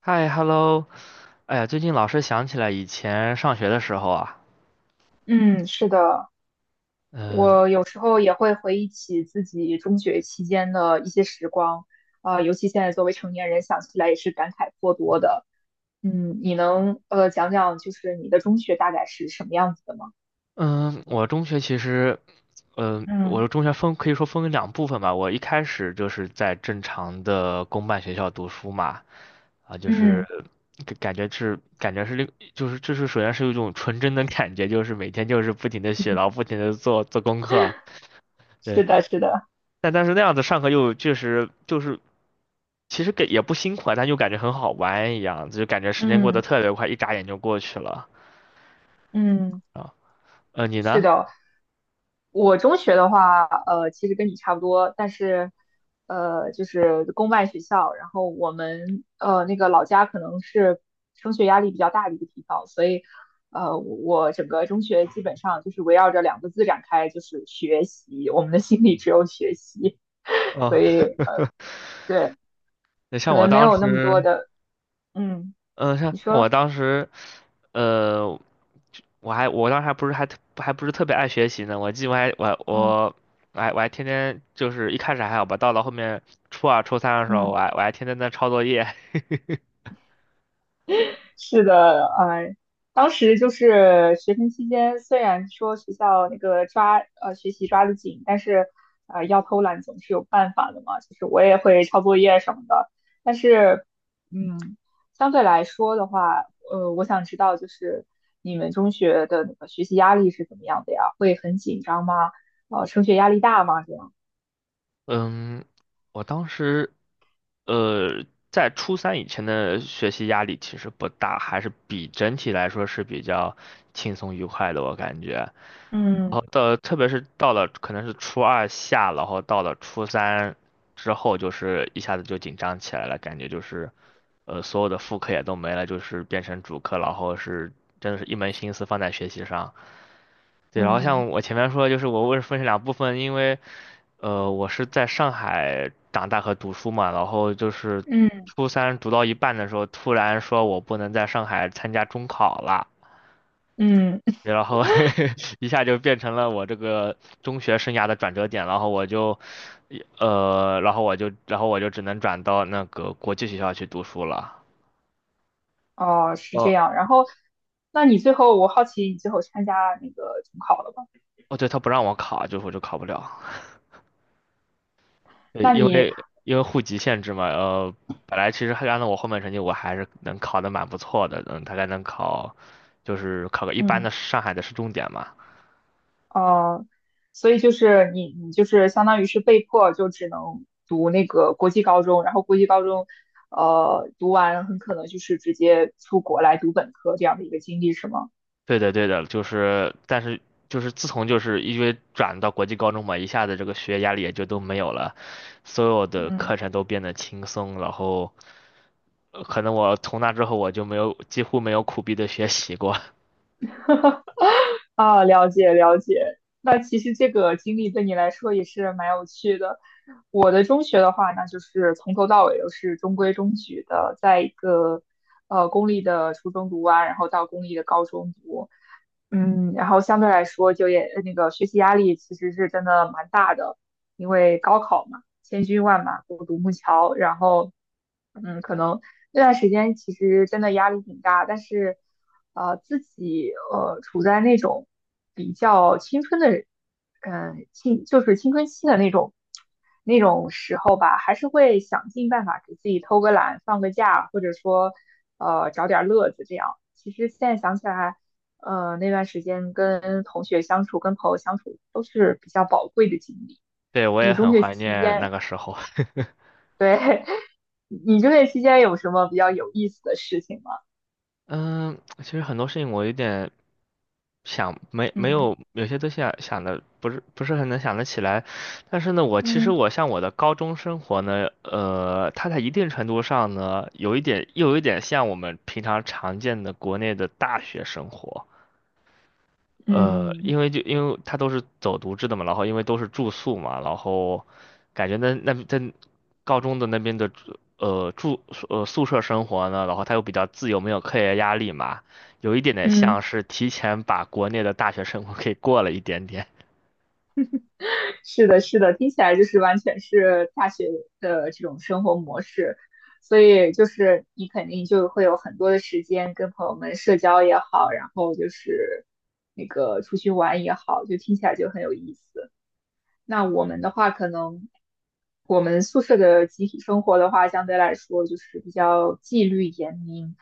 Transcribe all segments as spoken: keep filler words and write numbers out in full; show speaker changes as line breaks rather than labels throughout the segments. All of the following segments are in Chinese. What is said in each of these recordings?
嗨，hello，哎呀，最近老是想起来以前上学的时候啊。
嗯，是的，
嗯
我有时候也会回忆起自己中学期间的一些时光，啊、尤其现在作为成年人，想起来也是感慨颇多的。嗯，你能呃讲讲就是你的中学大概是什么样子的吗？
嗯。我中学其实，嗯，我
嗯
的中学分可以说分为两部分吧。我一开始就是在正常的公办学校读书嘛，啊，就是
嗯，
感感觉是感觉是另就是就是首先是有一种纯真的感觉，就是每天就是不停的写，然后不停的做做功课啊。对。
是的，是的，
但但是那样子上课又确实就是其实给也不辛苦啊，但又感觉很好玩一样，就感觉时间过得
嗯
特别快，一眨眼就过去了
嗯，
啊。呃，你
是
呢？
的。我中学的话，呃，其实跟你差不多，但是，呃，就是公办学校，然后我们呃那个老家可能是升学压力比较大的一个地方，所以，呃，我整个中学基本上就是围绕着两个字展开，就是学习，我们的心里只有学习，所
哦，
以，对，
那
可
像我
能没
当
有那么多
时，
的，嗯，
嗯、像
你
像我
说，
当时，呃，我还我当时还不是还特还不是特别爱学习呢。我记得我还我我
嗯。
我还我还天天就是一开始还好吧，到了后面初二初三的时候，
嗯。
我还我还天天在抄作业。
是的，呃，当时就是学生期间，虽然说学校那个抓呃学习抓得紧，但是呃要偷懒总是有办法的嘛，就是我也会抄作业什么的，但是嗯，相对来说的话，呃，我想知道就是你们中学的那个学习压力是怎么样的呀？会很紧张吗？呃，升学压力大吗？这样？
嗯，我当时，呃，在初三以前的学习压力其实不大，还是比整体来说是比较轻松愉快的，我感觉。然
嗯
后到，特别是到了可能是初二下，然后到了初三之后，就是一下子就紧张起来了，感觉就是，呃，所有的副课也都没了，就是变成主课，然后是真的是一门心思放在学习上。对，然后
嗯。
像我前面说的，就是我为什么分成两部分，因为呃，我是在上海长大和读书嘛，然后就是
嗯
初三读到一半的时候，突然说我不能在上海参加中考了。
嗯。
然后 一下就变成了我这个中学生涯的转折点，然后我就呃，然后我就然后我就只能转到那个国际学校去读书了。
哦，是这
呃，
样。然后，那你最后，我好奇你最后参加那个中考了吧？
哦，对，他不让我考，就是我就考不了。对，
那
因
你，
为因为户籍限制嘛。呃，本来其实还按照我后面成绩，我还是能考得蛮不错的，嗯，大概能考，就是考个一般
嗯，
的上海的市重点嘛。
哦，所以就是你，你就是相当于是被迫就只能读那个国际高中，然后国际高中，呃，读完很可能就是直接出国来读本科这样的一个经历，是吗？
对的，对的，就是，但是就是自从就是因为转到国际高中嘛，一下子这个学业压力也就都没有了，所有的
嗯
课程都变得轻松。然后呃可能我从那之后我就没有几乎没有苦逼的学习过。
啊，了解了解。那其实这个经历对你来说也是蛮有趣的。我的中学的话，那就是从头到尾都是中规中矩的，在一个呃公立的初中读完，然后到公立的高中读，嗯，然后相对来说就业呃那个学习压力其实是真的蛮大的，因为高考嘛，千军万马过独木桥，然后嗯，可能那段时间其实真的压力挺大，但是，呃，自己呃处在那种比较青春的，嗯、青就是青春期的那种那种时候吧，还是会想尽办法给自己偷个懒、放个假，或者说呃找点乐子这样。其实现在想起来，呃，那段时间跟同学相处、跟朋友相处都是比较宝贵的经历。
对，我也
你中
很
学
怀
期
念那
间，
个时候。
对，你就业期间有什么比较有意思的事情吗？
嗯，其实很多事情我有点想没没
嗯
有有些东西啊想的不是不是很能想得起来。但是呢，我其实
嗯
我像我的高中生活呢，呃，它在一定程度上呢，有一点又有一点像我们平常常见的国内的大学生活。呃，
嗯
因为就因为他都是走读制的嘛，然后因为都是住宿嘛。然后感觉那那在高中的那边的住呃住呃宿舍生活呢，然后他又比较自由，没有课业压力嘛，有一点点
嗯
像是提前把国内的大学生活给过了一点点。
是的，是的，听起来就是完全是大学的这种生活模式，所以就是你肯定就会有很多的时间跟朋友们社交也好，然后就是那个出去玩也好，就听起来就很有意思。那我们的话，可能我们宿舍的集体生活的话，相对来说就是比较纪律严明，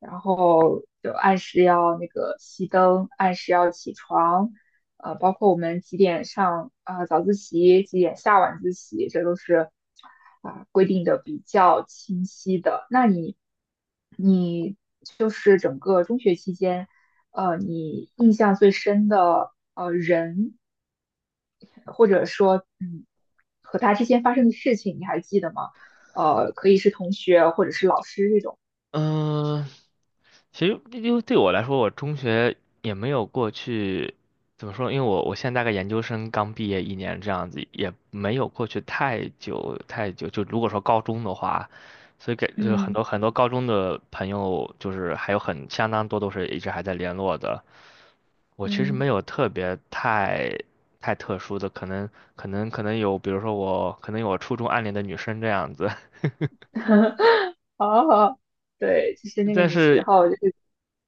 然后就按时要那个熄灯，按时要起床，呃，包括我们几点上啊呃早自习，几点下晚自习，这都是啊、规定的比较清晰的。那你你就是整个中学期间，呃，你印象最深的呃人或者说，嗯，和他之间发生的事情你还记得吗？呃，可以是同学或者是老师这种。
嗯、其实因为对我来说，我中学也没有过去，怎么说？因为我我现在大概研究生刚毕业一年这样子，也没有过去太久太久。就如果说高中的话，所以给就是很
嗯
多很多高中的朋友，就是还有很相当多都是一直还在联络的。我其实没
嗯，
有特别太太特殊的，可能可能可能有，比如说我可能有我初中暗恋的女生这样子。
好好，对，就是那个
但
你时
是
候，就是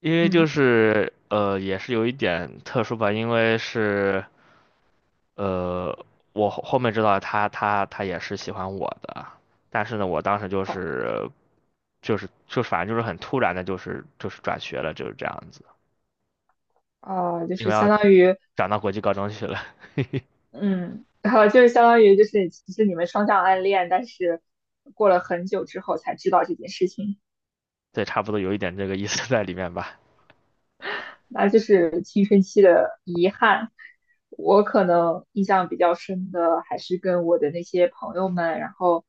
因为就
嗯，
是呃，也是有一点特殊吧，因为是呃，我后后面知道他他他也是喜欢我的。但是呢，我当时就
好
是就是就是反正就是很突然的，就是就是转学了，就是这样子，
啊、呃就
因
是
为要
相当于
转到国际高中去了。
嗯，好，就是相当于就是其实你们双向暗恋，但是过了很久之后才知道这件事情。
对，差不多有一点这个意思在里面吧。
那就是青春期的遗憾。我可能印象比较深的还是跟我的那些朋友们，然后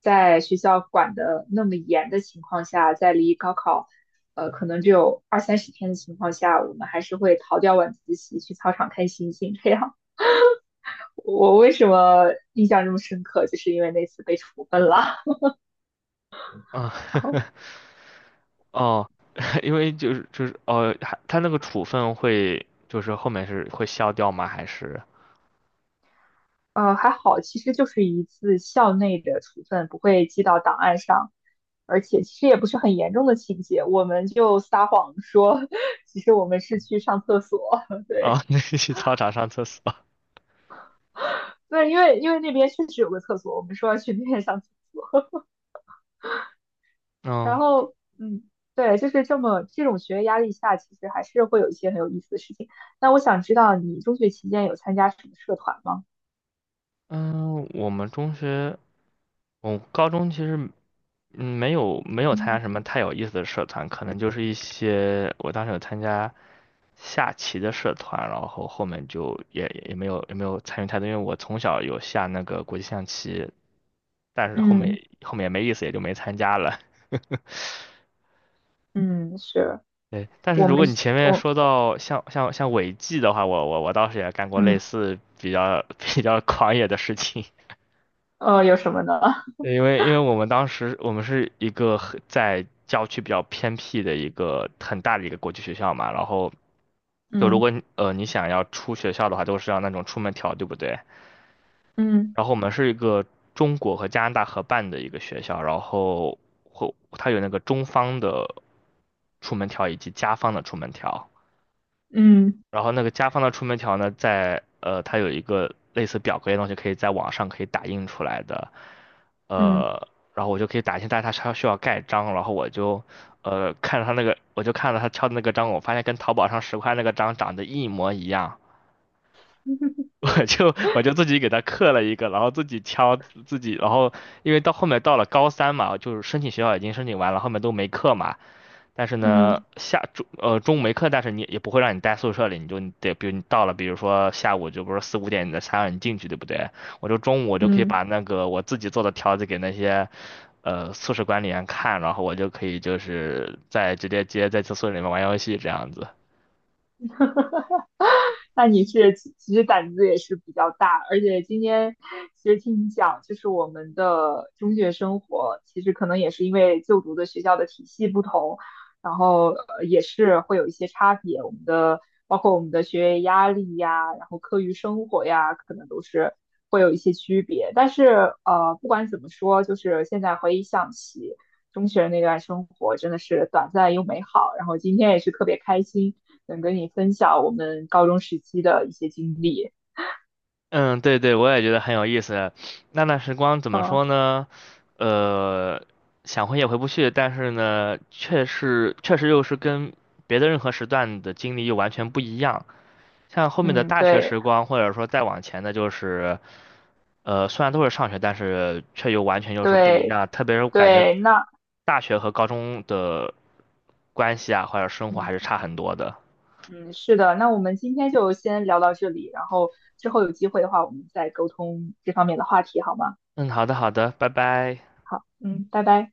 在学校管的那么严的情况下，在离高考呃可能只有二三十天的情况下，我们还是会逃掉晚自习去操场看星星。这样，我为什么印象这么深刻，就是因为那次被处分了。
嗯，
然 后。
哦，因为就是就是哦，还他那个处分会就是后面是会消掉吗？还是？
呃，还好，其实就是一次校内的处分，不会记到档案上，而且其实也不是很严重的情节，我们就撒谎说，其实我们是去上厕所，对，
哦，那个去操场上厕所。
对，因为因为那边确实有个厕所，我们说要去那边上厕所，然
嗯
后，嗯，对，就是这么这种学业压力下，其实还是会有一些很有意思的事情。那我想知道你中学期间有参加什么社团吗？
嗯。我们中学，我高中其实嗯没有没有参加
嗯
什么太有意思的社团，可能就是一些我当时有参加下棋的社团，然后后面就也也没有也没有参与太多，因为我从小有下那个国际象棋，但是后面
嗯
后面也没意思，也就没参加了。
嗯，是
对，但是
我
如
们
果你前面
我
说到像像像违纪的话，我我我倒是也干过类
嗯
似比较 比较狂野的事情。
呃有什么呢？
对因为因为我们当时我们是一个很在郊区比较偏僻的一个很大的一个国际学校嘛，然后 就如
嗯。
果你呃你想要出学校的话，都是要那种出门条，对不对？
嗯
然后我们是一个中国和加拿大合办的一个学校，然后会它有那个中方的出门条以及加方的出门条。
嗯
然后那个家方的出门条呢，在呃，它有一个类似表格的东西，可以在网上可以打印出来的。
嗯
呃，然后我就可以打印，但是它需要盖章，然后我就呃看着他那个，我就看着他敲的那个章，我发现跟淘宝上十块那个章长得一模一样。
嗯
我就我就自己给他刻了一个，然后自己敲自己，然后因为到后面到了高三嘛，就是申请学校已经申请完了，后面都没课嘛。但是呢，
嗯，
下中呃中午没课，但是你也不会让你待宿舍里，你就你得，比如你到了，比如说下午就不是四五点你的才让你进去，对不对？我就中午我
嗯
就可以
嗯
把那个我自己做的条子给那些呃宿舍管理员看，然后我就可以就是在直接直接在宿舍里面玩游戏这样子。
那你是其其实胆子也是比较大，而且今天其实听你讲，就是我们的中学生活，其实可能也是因为就读的学校的体系不同，然后呃也是会有一些差别。我们的包括我们的学业压力呀，然后课余生活呀，可能都是会有一些区别。但是呃，不管怎么说，就是现在回想起中学那段生活，真的是短暂又美好。然后今天也是特别开心。能跟你分享我们高中时期的一些经历。
嗯，对对，我也觉得很有意思。那段时光怎么
嗯
说呢？呃，想回也回不去，但是呢，确实确实又是跟别的任何时段的经历又完全不一样。像后面的
嗯，
大学
对
时光，或者说再往前的，就是呃，虽然都是上学，但是却又完全又是不一
对
样。特别是我感觉
对，那
大学和高中的关系啊，或者生活还是
嗯
差很多的。
嗯是的，那我们今天就先聊到这里，然后之后有机会的话，我们再沟通这方面的话题，好吗？
嗯，好的，好的，拜拜。
好，嗯，拜拜。